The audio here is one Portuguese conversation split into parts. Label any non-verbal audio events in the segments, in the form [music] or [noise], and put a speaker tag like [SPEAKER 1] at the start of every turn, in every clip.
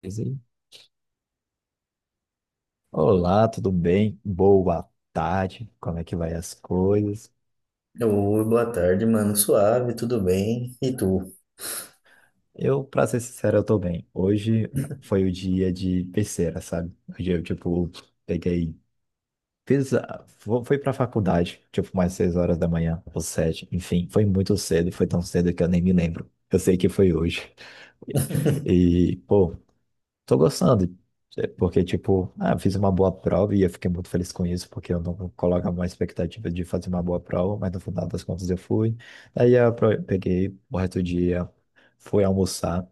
[SPEAKER 1] Beleza, hein? Olá, tudo bem? Boa tarde. Como é que vai as coisas?
[SPEAKER 2] Oi, boa tarde, mano. Suave, tudo bem? E tu?
[SPEAKER 1] Eu, pra ser sincero, eu tô bem. Hoje foi o dia de terceira, sabe? Hoje eu, tipo, peguei, fiz, fui pra faculdade, tipo, mais 6 horas da manhã, ou 7, enfim, foi muito cedo, foi tão cedo que eu nem me lembro. Eu sei que foi hoje. [laughs]
[SPEAKER 2] [laughs]
[SPEAKER 1] E, pô, tô gostando. É porque, tipo, ah, eu fiz uma boa prova e eu fiquei muito feliz com isso, porque eu não coloco uma expectativa de fazer uma boa prova, mas no final das contas eu fui. Aí eu peguei o resto do dia, fui almoçar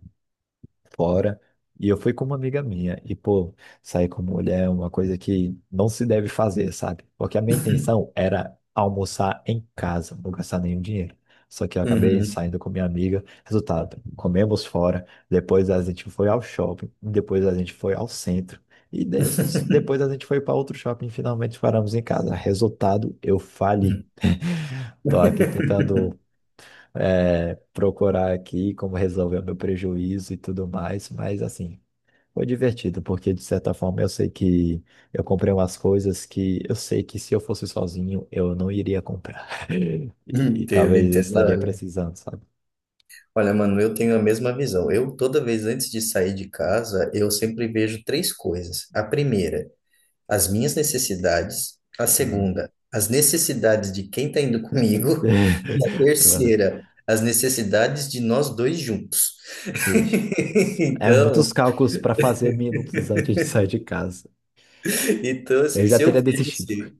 [SPEAKER 1] fora. E eu fui com uma amiga minha. E, pô, sair com mulher é uma coisa que não se deve fazer, sabe? Porque a minha intenção era almoçar em casa, não gastar nenhum dinheiro. Só que eu acabei
[SPEAKER 2] Uhum.
[SPEAKER 1] saindo com minha amiga. Resultado, comemos fora. Depois a gente foi ao shopping. Depois a gente foi ao centro. E desses, depois a gente foi para outro shopping e finalmente paramos em casa. Resultado, eu fali. Tô aqui tentando procurar aqui como resolver o meu prejuízo e tudo mais, mas assim, foi divertido, porque de certa forma eu sei que eu comprei umas coisas que eu sei que se eu fosse sozinho eu não iria comprar. [laughs] E
[SPEAKER 2] Entendo,
[SPEAKER 1] talvez eu
[SPEAKER 2] entendo.
[SPEAKER 1] estaria
[SPEAKER 2] Olha,
[SPEAKER 1] precisando, sabe?
[SPEAKER 2] olha, mano, eu tenho a mesma visão. Eu, toda vez antes de sair de casa, eu sempre vejo três coisas. A primeira, as minhas necessidades. A
[SPEAKER 1] Ah.
[SPEAKER 2] segunda, as necessidades de quem tá indo comigo. E a
[SPEAKER 1] [laughs] Eu falo:
[SPEAKER 2] terceira, as necessidades de nós dois juntos. [laughs]
[SPEAKER 1] "Ixi, é muitos
[SPEAKER 2] Então,
[SPEAKER 1] cálculos para fazer minutos antes de sair de casa.
[SPEAKER 2] então,
[SPEAKER 1] Eu
[SPEAKER 2] assim,
[SPEAKER 1] já
[SPEAKER 2] se eu
[SPEAKER 1] teria
[SPEAKER 2] vejo
[SPEAKER 1] desistido.
[SPEAKER 2] assim,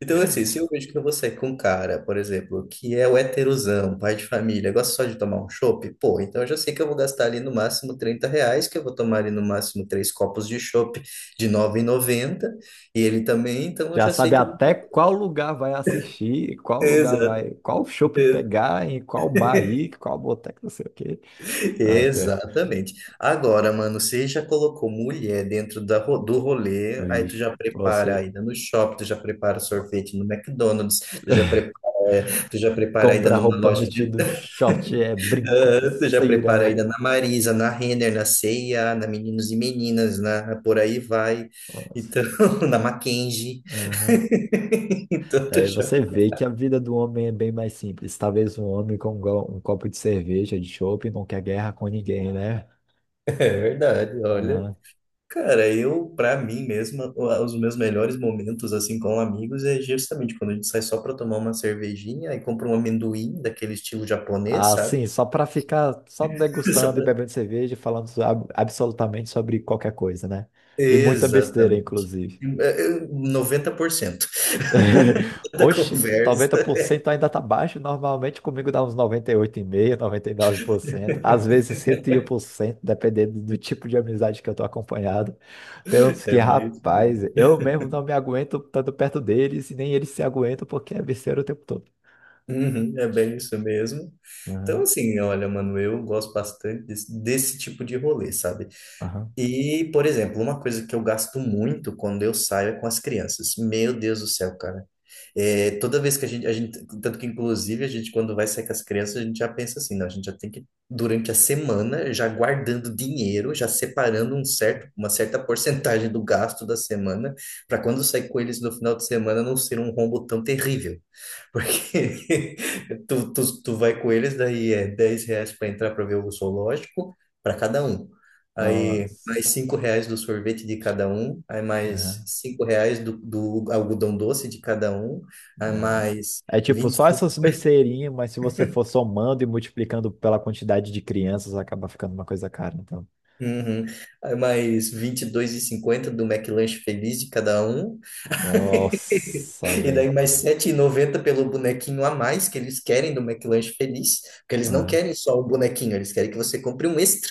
[SPEAKER 2] então, assim, se eu vejo que você é com um cara, por exemplo, que é o heterosão, pai de família, gosta só de tomar um chopp, pô, então eu já sei que eu vou gastar ali no máximo R$ 30, que eu vou tomar ali no máximo três copos de chopp de 9,90 e ele também, então eu
[SPEAKER 1] Já
[SPEAKER 2] já sei
[SPEAKER 1] sabe
[SPEAKER 2] que...
[SPEAKER 1] até qual lugar vai assistir, qual lugar
[SPEAKER 2] Exato.
[SPEAKER 1] vai, qual shopping
[SPEAKER 2] [laughs]
[SPEAKER 1] pegar, em qual bar ir, qual boteca, não sei o quê. Nossa,
[SPEAKER 2] Exatamente. Agora, mano, você já colocou mulher dentro do rolê, aí tu
[SPEAKER 1] ixi,
[SPEAKER 2] já prepara a
[SPEAKER 1] você.
[SPEAKER 2] ida no shopping, tu já prepara sorvete no McDonald's, tu já prepara a ida
[SPEAKER 1] Compra
[SPEAKER 2] numa
[SPEAKER 1] roupa,
[SPEAKER 2] loja de.
[SPEAKER 1] vestido, short, brinco,
[SPEAKER 2] Ah, tu já
[SPEAKER 1] pulseira.
[SPEAKER 2] prepara ainda na
[SPEAKER 1] É...
[SPEAKER 2] Marisa, na Renner, na C&A, na Meninos e Meninas, na por aí vai.
[SPEAKER 1] Nossa."
[SPEAKER 2] Então, [laughs] na Mackenzie.
[SPEAKER 1] Aham.
[SPEAKER 2] [laughs] Então, tu
[SPEAKER 1] Daí
[SPEAKER 2] já...
[SPEAKER 1] você
[SPEAKER 2] [laughs]
[SPEAKER 1] vê que a vida do homem é bem mais simples. Talvez um homem com um copo de cerveja, de chopp, não quer guerra com ninguém, né?
[SPEAKER 2] É verdade, olha.
[SPEAKER 1] Aham.
[SPEAKER 2] Cara, eu, pra mim mesmo, os meus melhores momentos, assim, com amigos é justamente quando a gente sai só pra tomar uma cervejinha e compra um amendoim daquele estilo japonês,
[SPEAKER 1] Ah,
[SPEAKER 2] sabe?
[SPEAKER 1] sim, só para ficar só
[SPEAKER 2] [laughs] Só
[SPEAKER 1] degustando e
[SPEAKER 2] pra-
[SPEAKER 1] bebendo cerveja, e falando absolutamente sobre qualquer coisa, né? E muita besteira,
[SPEAKER 2] Exatamente.
[SPEAKER 1] inclusive.
[SPEAKER 2] É, é, 90%
[SPEAKER 1] [laughs]
[SPEAKER 2] [laughs] da
[SPEAKER 1] Oxi, noventa
[SPEAKER 2] conversa
[SPEAKER 1] por cento ainda tá baixo. Normalmente comigo dá uns noventa e oito vírgula cinco por cento, 99%. Às vezes 101%, dependendo do tipo de amizade que eu tô acompanhado. Tem uns que,
[SPEAKER 2] é mesmo.
[SPEAKER 1] rapaz, eu mesmo não me aguento tanto perto deles e nem eles se aguentam porque é besteira o tempo todo.
[SPEAKER 2] Uhum, é bem isso mesmo. Então,
[SPEAKER 1] Aham,
[SPEAKER 2] assim, olha, mano, eu gosto bastante desse tipo de rolê, sabe?
[SPEAKER 1] aham.
[SPEAKER 2] E, por exemplo, uma coisa que eu gasto muito quando eu saio é com as crianças. Meu Deus do céu, cara. É, toda vez que a gente, tanto que, inclusive, a gente, quando vai sair com as crianças, a gente já pensa assim, não, a gente já tem que, durante a semana, já guardando dinheiro, já separando um certo, uma certa [laughs] porcentagem do gasto da semana, para quando sair com eles no final de semana não ser um rombo tão terrível. Porque [laughs] tu vai com eles, daí é R$ 10 para entrar para ver o zoológico, para cada um. Aí mais
[SPEAKER 1] Nossa,
[SPEAKER 2] R$ 5 do sorvete de cada um, aí mais
[SPEAKER 1] aham,
[SPEAKER 2] 5 reais do algodão doce de cada um, aí
[SPEAKER 1] nossa.
[SPEAKER 2] mais
[SPEAKER 1] É tipo
[SPEAKER 2] vinte.
[SPEAKER 1] só essas besteirinhas, mas se você for somando e multiplicando pela quantidade de crianças, acaba ficando uma coisa cara. Então,
[SPEAKER 2] Uhum. Aí mais 22,50 do McLanche Feliz de cada um.
[SPEAKER 1] nossa,
[SPEAKER 2] E daí
[SPEAKER 1] velho.
[SPEAKER 2] mais 7,90 pelo bonequinho a mais que eles querem do McLanche Feliz, porque eles não
[SPEAKER 1] Aham,
[SPEAKER 2] querem só o bonequinho, eles querem que você compre um extra.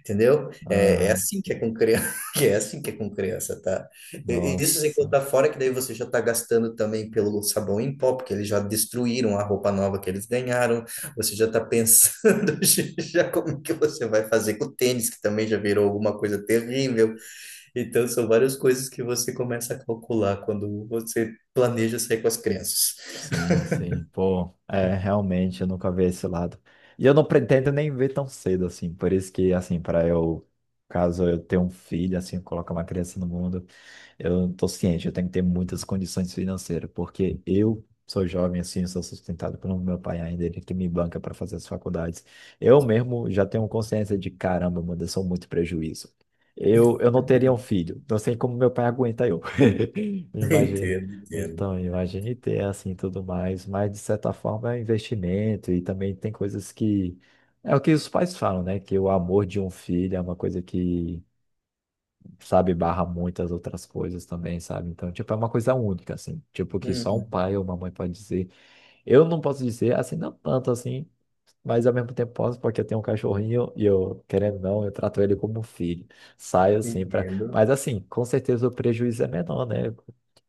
[SPEAKER 2] Entendeu? É, é
[SPEAKER 1] aham.
[SPEAKER 2] assim que é com criança, [laughs] que é assim que é com criança, tá? Isso sem
[SPEAKER 1] Nossa.
[SPEAKER 2] contar fora que daí você já tá gastando também pelo sabão em pó, porque eles já destruíram a roupa nova que eles ganharam. Você já tá pensando [laughs] já como que você vai fazer com o tênis, que também já virou alguma coisa terrível. Então, são várias coisas que você começa a calcular quando você planeja sair com as crianças.
[SPEAKER 1] Sim, sim, pô, é, realmente, eu nunca vi esse lado. E eu não pretendo nem ver tão cedo, assim, por isso que, assim, para eu, caso eu tenha um filho, assim, colocar uma criança no mundo, eu tô ciente, eu tenho que ter muitas condições financeiras, porque eu sou jovem, assim, sou sustentado pelo meu pai ainda, ele que me banca para fazer as faculdades. Eu mesmo já tenho consciência de, caramba, mano, eu sou muito prejuízo. Eu não teria um
[SPEAKER 2] [laughs]
[SPEAKER 1] filho, não sei como meu pai aguenta eu. [laughs] Imagina.
[SPEAKER 2] Entendo, entendo.
[SPEAKER 1] Então, imagine ter assim tudo mais, mas de certa forma é um investimento e também tem coisas que é o que os pais falam, né? Que o amor de um filho é uma coisa que, sabe, barra muitas outras coisas também, sabe? Então, tipo, é uma coisa única, assim, tipo, que só um
[SPEAKER 2] Uhum,
[SPEAKER 1] pai ou uma mãe pode dizer. Eu não posso dizer, assim, não tanto assim, mas ao mesmo tempo posso, porque eu tenho um cachorrinho e eu, querendo ou não, eu trato ele como um filho. Saio assim pra.
[SPEAKER 2] entendo.
[SPEAKER 1] Mas assim, com certeza o prejuízo é menor, né?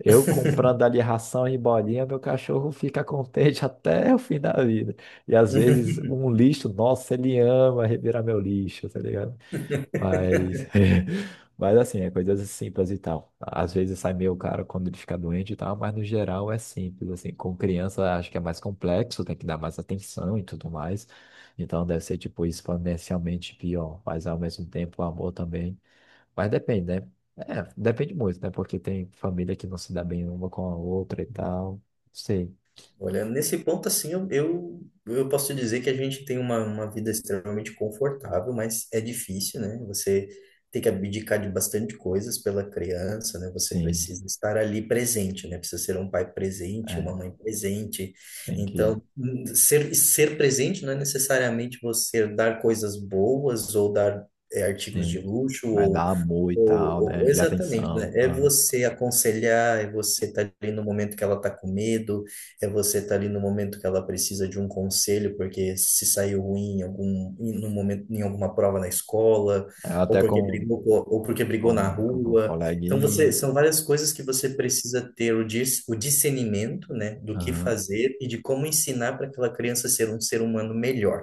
[SPEAKER 1] Eu comprando ali ração e bolinha, meu cachorro fica contente [laughs] até o fim da vida. E às vezes
[SPEAKER 2] [laughs]
[SPEAKER 1] um lixo, nossa, ele ama revirar meu lixo, tá ligado? Mas, [laughs] mas assim, é coisas simples e tal. Às vezes sai meio caro quando ele fica doente e tal, mas no geral é simples, assim. Com criança acho que é mais complexo, tem que dar mais atenção e tudo mais. Então deve ser, tipo, exponencialmente pior. Mas ao mesmo tempo, o amor também. Mas depende, né? É, depende muito, né? Porque tem família que não se dá bem uma com a outra e tal. Sei.
[SPEAKER 2] Olha, nesse ponto, assim, eu, eu posso te dizer que a gente tem uma vida extremamente confortável, mas é difícil, né? Você tem que abdicar de bastante coisas pela criança, né? Você
[SPEAKER 1] Sim,
[SPEAKER 2] precisa estar ali presente, né? Precisa ser um pai presente, uma
[SPEAKER 1] é,
[SPEAKER 2] mãe presente.
[SPEAKER 1] tem que,
[SPEAKER 2] Então, ser presente não é necessariamente você dar coisas boas ou dar artigos de
[SPEAKER 1] sim,
[SPEAKER 2] luxo
[SPEAKER 1] vai
[SPEAKER 2] ou
[SPEAKER 1] dar amor e tal, né? E
[SPEAKER 2] exatamente, né?
[SPEAKER 1] atenção.
[SPEAKER 2] É
[SPEAKER 1] Aham.
[SPEAKER 2] você aconselhar, é você estar ali no momento que ela está com medo, é você estar ali no momento que ela precisa de um conselho, porque se saiu ruim em algum, em, num momento, em alguma prova na escola,
[SPEAKER 1] É,
[SPEAKER 2] ou
[SPEAKER 1] até
[SPEAKER 2] porque brigou, ou porque brigou na
[SPEAKER 1] com
[SPEAKER 2] rua. Então, você,
[SPEAKER 1] coleguinha.
[SPEAKER 2] são várias coisas que você precisa ter o discernimento, né, do que
[SPEAKER 1] Aham,
[SPEAKER 2] fazer e de como ensinar para aquela criança ser um ser humano melhor.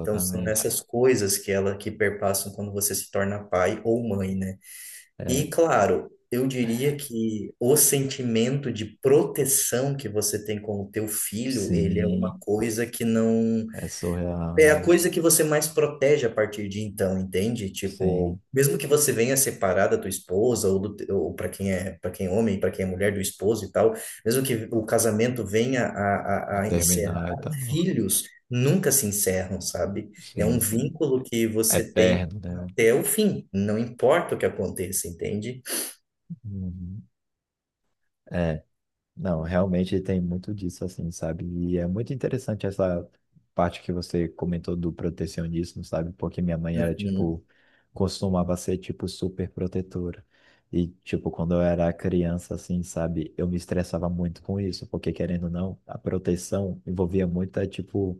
[SPEAKER 2] Então, são essas coisas que ela que perpassam quando você se torna pai ou mãe, né?
[SPEAKER 1] É,
[SPEAKER 2] E claro, eu diria que o sentimento de proteção que você tem com o teu filho, ele é uma
[SPEAKER 1] sim,
[SPEAKER 2] coisa que não
[SPEAKER 1] é surreal,
[SPEAKER 2] é a
[SPEAKER 1] né?
[SPEAKER 2] coisa que você mais protege a partir de então, entende? Tipo,
[SPEAKER 1] Sim,
[SPEAKER 2] mesmo que você venha separar da tua esposa ou, ou para quem é homem, para quem é mulher do esposo e tal, mesmo que o casamento venha a,
[SPEAKER 1] não
[SPEAKER 2] a, a
[SPEAKER 1] terminar e
[SPEAKER 2] encerrar,
[SPEAKER 1] tal.
[SPEAKER 2] filhos nunca se encerram, sabe? É
[SPEAKER 1] Sim,
[SPEAKER 2] um
[SPEAKER 1] sim.
[SPEAKER 2] vínculo que você tem
[SPEAKER 1] Eterno, né?
[SPEAKER 2] até o fim, não importa o que aconteça, entende?
[SPEAKER 1] Uhum. Não, realmente tem muito disso, assim, sabe? E é muito interessante essa parte que você comentou do protecionismo, sabe? Porque minha mãe era,
[SPEAKER 2] Uhum,
[SPEAKER 1] tipo, costumava ser, tipo, super protetora. E, tipo, quando eu era criança, assim, sabe? Eu me estressava muito com isso, porque, querendo ou não, a proteção envolvia muita, tipo,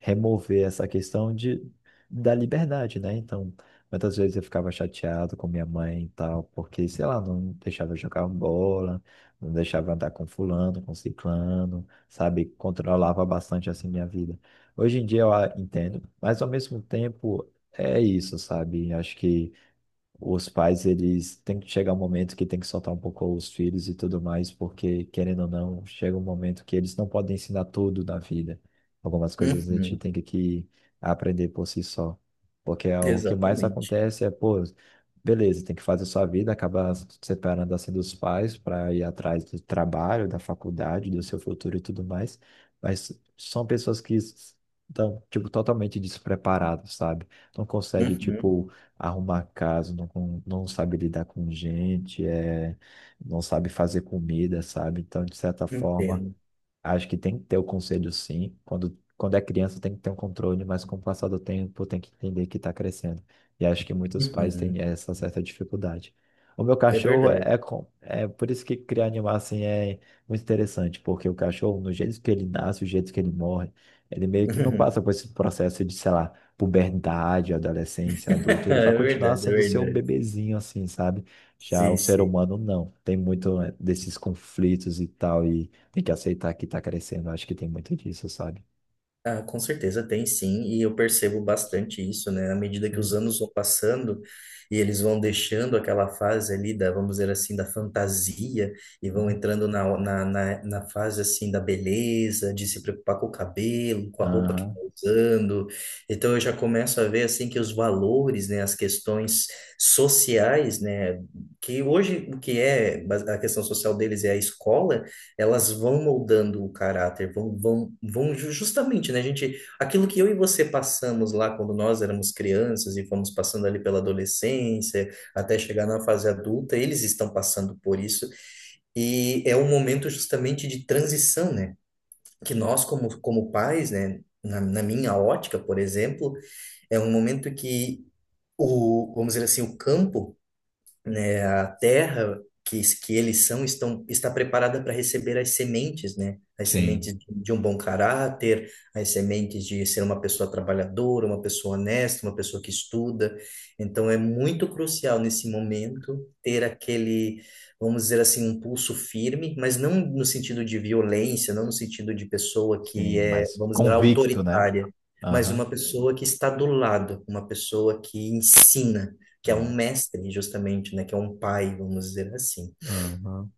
[SPEAKER 1] remover essa questão de, da liberdade, né? Então, muitas vezes eu ficava chateado com minha mãe e tal, porque, sei lá, não deixava eu jogar bola, não deixava eu andar com fulano, com ciclano, sabe? Controlava bastante, assim, minha vida. Hoje em dia eu entendo, mas ao mesmo tempo é isso, sabe? Acho que os pais, eles têm que chegar um momento que tem que soltar um pouco os filhos e tudo mais, porque, querendo ou não, chega um momento que eles não podem ensinar tudo na vida. Algumas coisas a gente
[SPEAKER 2] uhum,
[SPEAKER 1] tem que aprender por si só. Porque é o que mais
[SPEAKER 2] exatamente.
[SPEAKER 1] acontece é, pô, beleza, tem que fazer sua vida, acabar se separando assim dos pais para ir atrás do trabalho, da faculdade, do seu futuro e tudo mais. Mas são pessoas que estão, tipo, totalmente despreparadas, sabe? Não consegue,
[SPEAKER 2] Uhum,
[SPEAKER 1] tipo, arrumar casa, não, não sabe lidar com gente, é, não sabe fazer comida, sabe? Então, de certa forma.
[SPEAKER 2] entendo.
[SPEAKER 1] Acho que tem que ter o conselho, sim. Quando, quando é criança, tem que ter um controle, mas com o passar do tempo, tem que entender que está crescendo. E acho que muitos pais
[SPEAKER 2] Uhum,
[SPEAKER 1] têm essa certa dificuldade. O meu
[SPEAKER 2] é
[SPEAKER 1] cachorro é,
[SPEAKER 2] verdade.
[SPEAKER 1] é com- é por isso que criar animal assim é muito interessante, porque o cachorro, no jeito que ele nasce, o jeito que ele morre, ele meio que não passa
[SPEAKER 2] [laughs]
[SPEAKER 1] por esse processo de, sei lá, puberdade, adolescência, adulto. Ele vai
[SPEAKER 2] É
[SPEAKER 1] continuar
[SPEAKER 2] verdade, é
[SPEAKER 1] sendo seu
[SPEAKER 2] verdade.
[SPEAKER 1] bebezinho, assim, sabe? Já
[SPEAKER 2] Sim,
[SPEAKER 1] o ser
[SPEAKER 2] sim.
[SPEAKER 1] humano não. Tem muito né, desses conflitos e tal. E tem que aceitar que tá crescendo. Acho que tem muito disso, sabe?
[SPEAKER 2] Ah, com certeza tem sim, e eu percebo bastante isso, né? À medida que os
[SPEAKER 1] Uhum.
[SPEAKER 2] anos vão passando e eles vão deixando aquela fase ali da, vamos dizer assim, da fantasia e vão
[SPEAKER 1] Uhum.
[SPEAKER 2] entrando na fase assim da beleza, de se preocupar com o cabelo, com a roupa que
[SPEAKER 1] Aham.
[SPEAKER 2] tá usando. Então eu já começo a ver assim que os valores, né, as questões sociais, né, que hoje o que é a questão social deles é a escola, elas vão moldando o caráter, justamente, né, gente, aquilo que eu e você passamos lá quando nós éramos crianças e fomos passando ali pela adolescência, até chegar na fase adulta, eles estão passando por isso e é um momento justamente de transição, né, que nós como, pais, né, na minha ótica, por exemplo, é um momento que o, vamos dizer assim, o campo, né, a terra que eles são estão, está preparada para receber as sementes, né? As sementes
[SPEAKER 1] Sim,
[SPEAKER 2] de um bom caráter, as sementes de ser uma pessoa trabalhadora, uma pessoa honesta, uma pessoa que estuda. Então é muito crucial nesse momento ter aquele, vamos dizer assim, um pulso firme, mas não no sentido de violência, não no sentido de pessoa que
[SPEAKER 1] sim,
[SPEAKER 2] é,
[SPEAKER 1] mas
[SPEAKER 2] vamos dizer,
[SPEAKER 1] convicto, né?
[SPEAKER 2] autoritária, mas
[SPEAKER 1] Aham.
[SPEAKER 2] uma pessoa que está do lado, uma pessoa que ensina, que é um
[SPEAKER 1] Uhum,
[SPEAKER 2] mestre, justamente, né? Que é um pai, vamos dizer assim.
[SPEAKER 1] aham.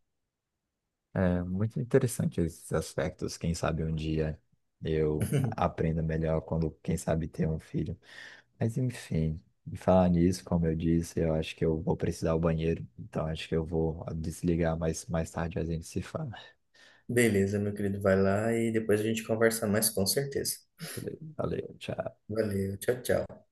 [SPEAKER 1] É muito interessante esses aspectos. Quem sabe um dia eu aprenda melhor quando, quem sabe, ter um filho. Mas enfim, em falar nisso, como eu disse, eu acho que eu vou precisar do banheiro. Então acho que eu vou desligar, mas mais tarde a gente se fala.
[SPEAKER 2] Beleza, meu querido, vai lá e depois a gente conversa mais, com certeza.
[SPEAKER 1] Valeu, valeu, tchau.
[SPEAKER 2] Valeu, tchau, tchau.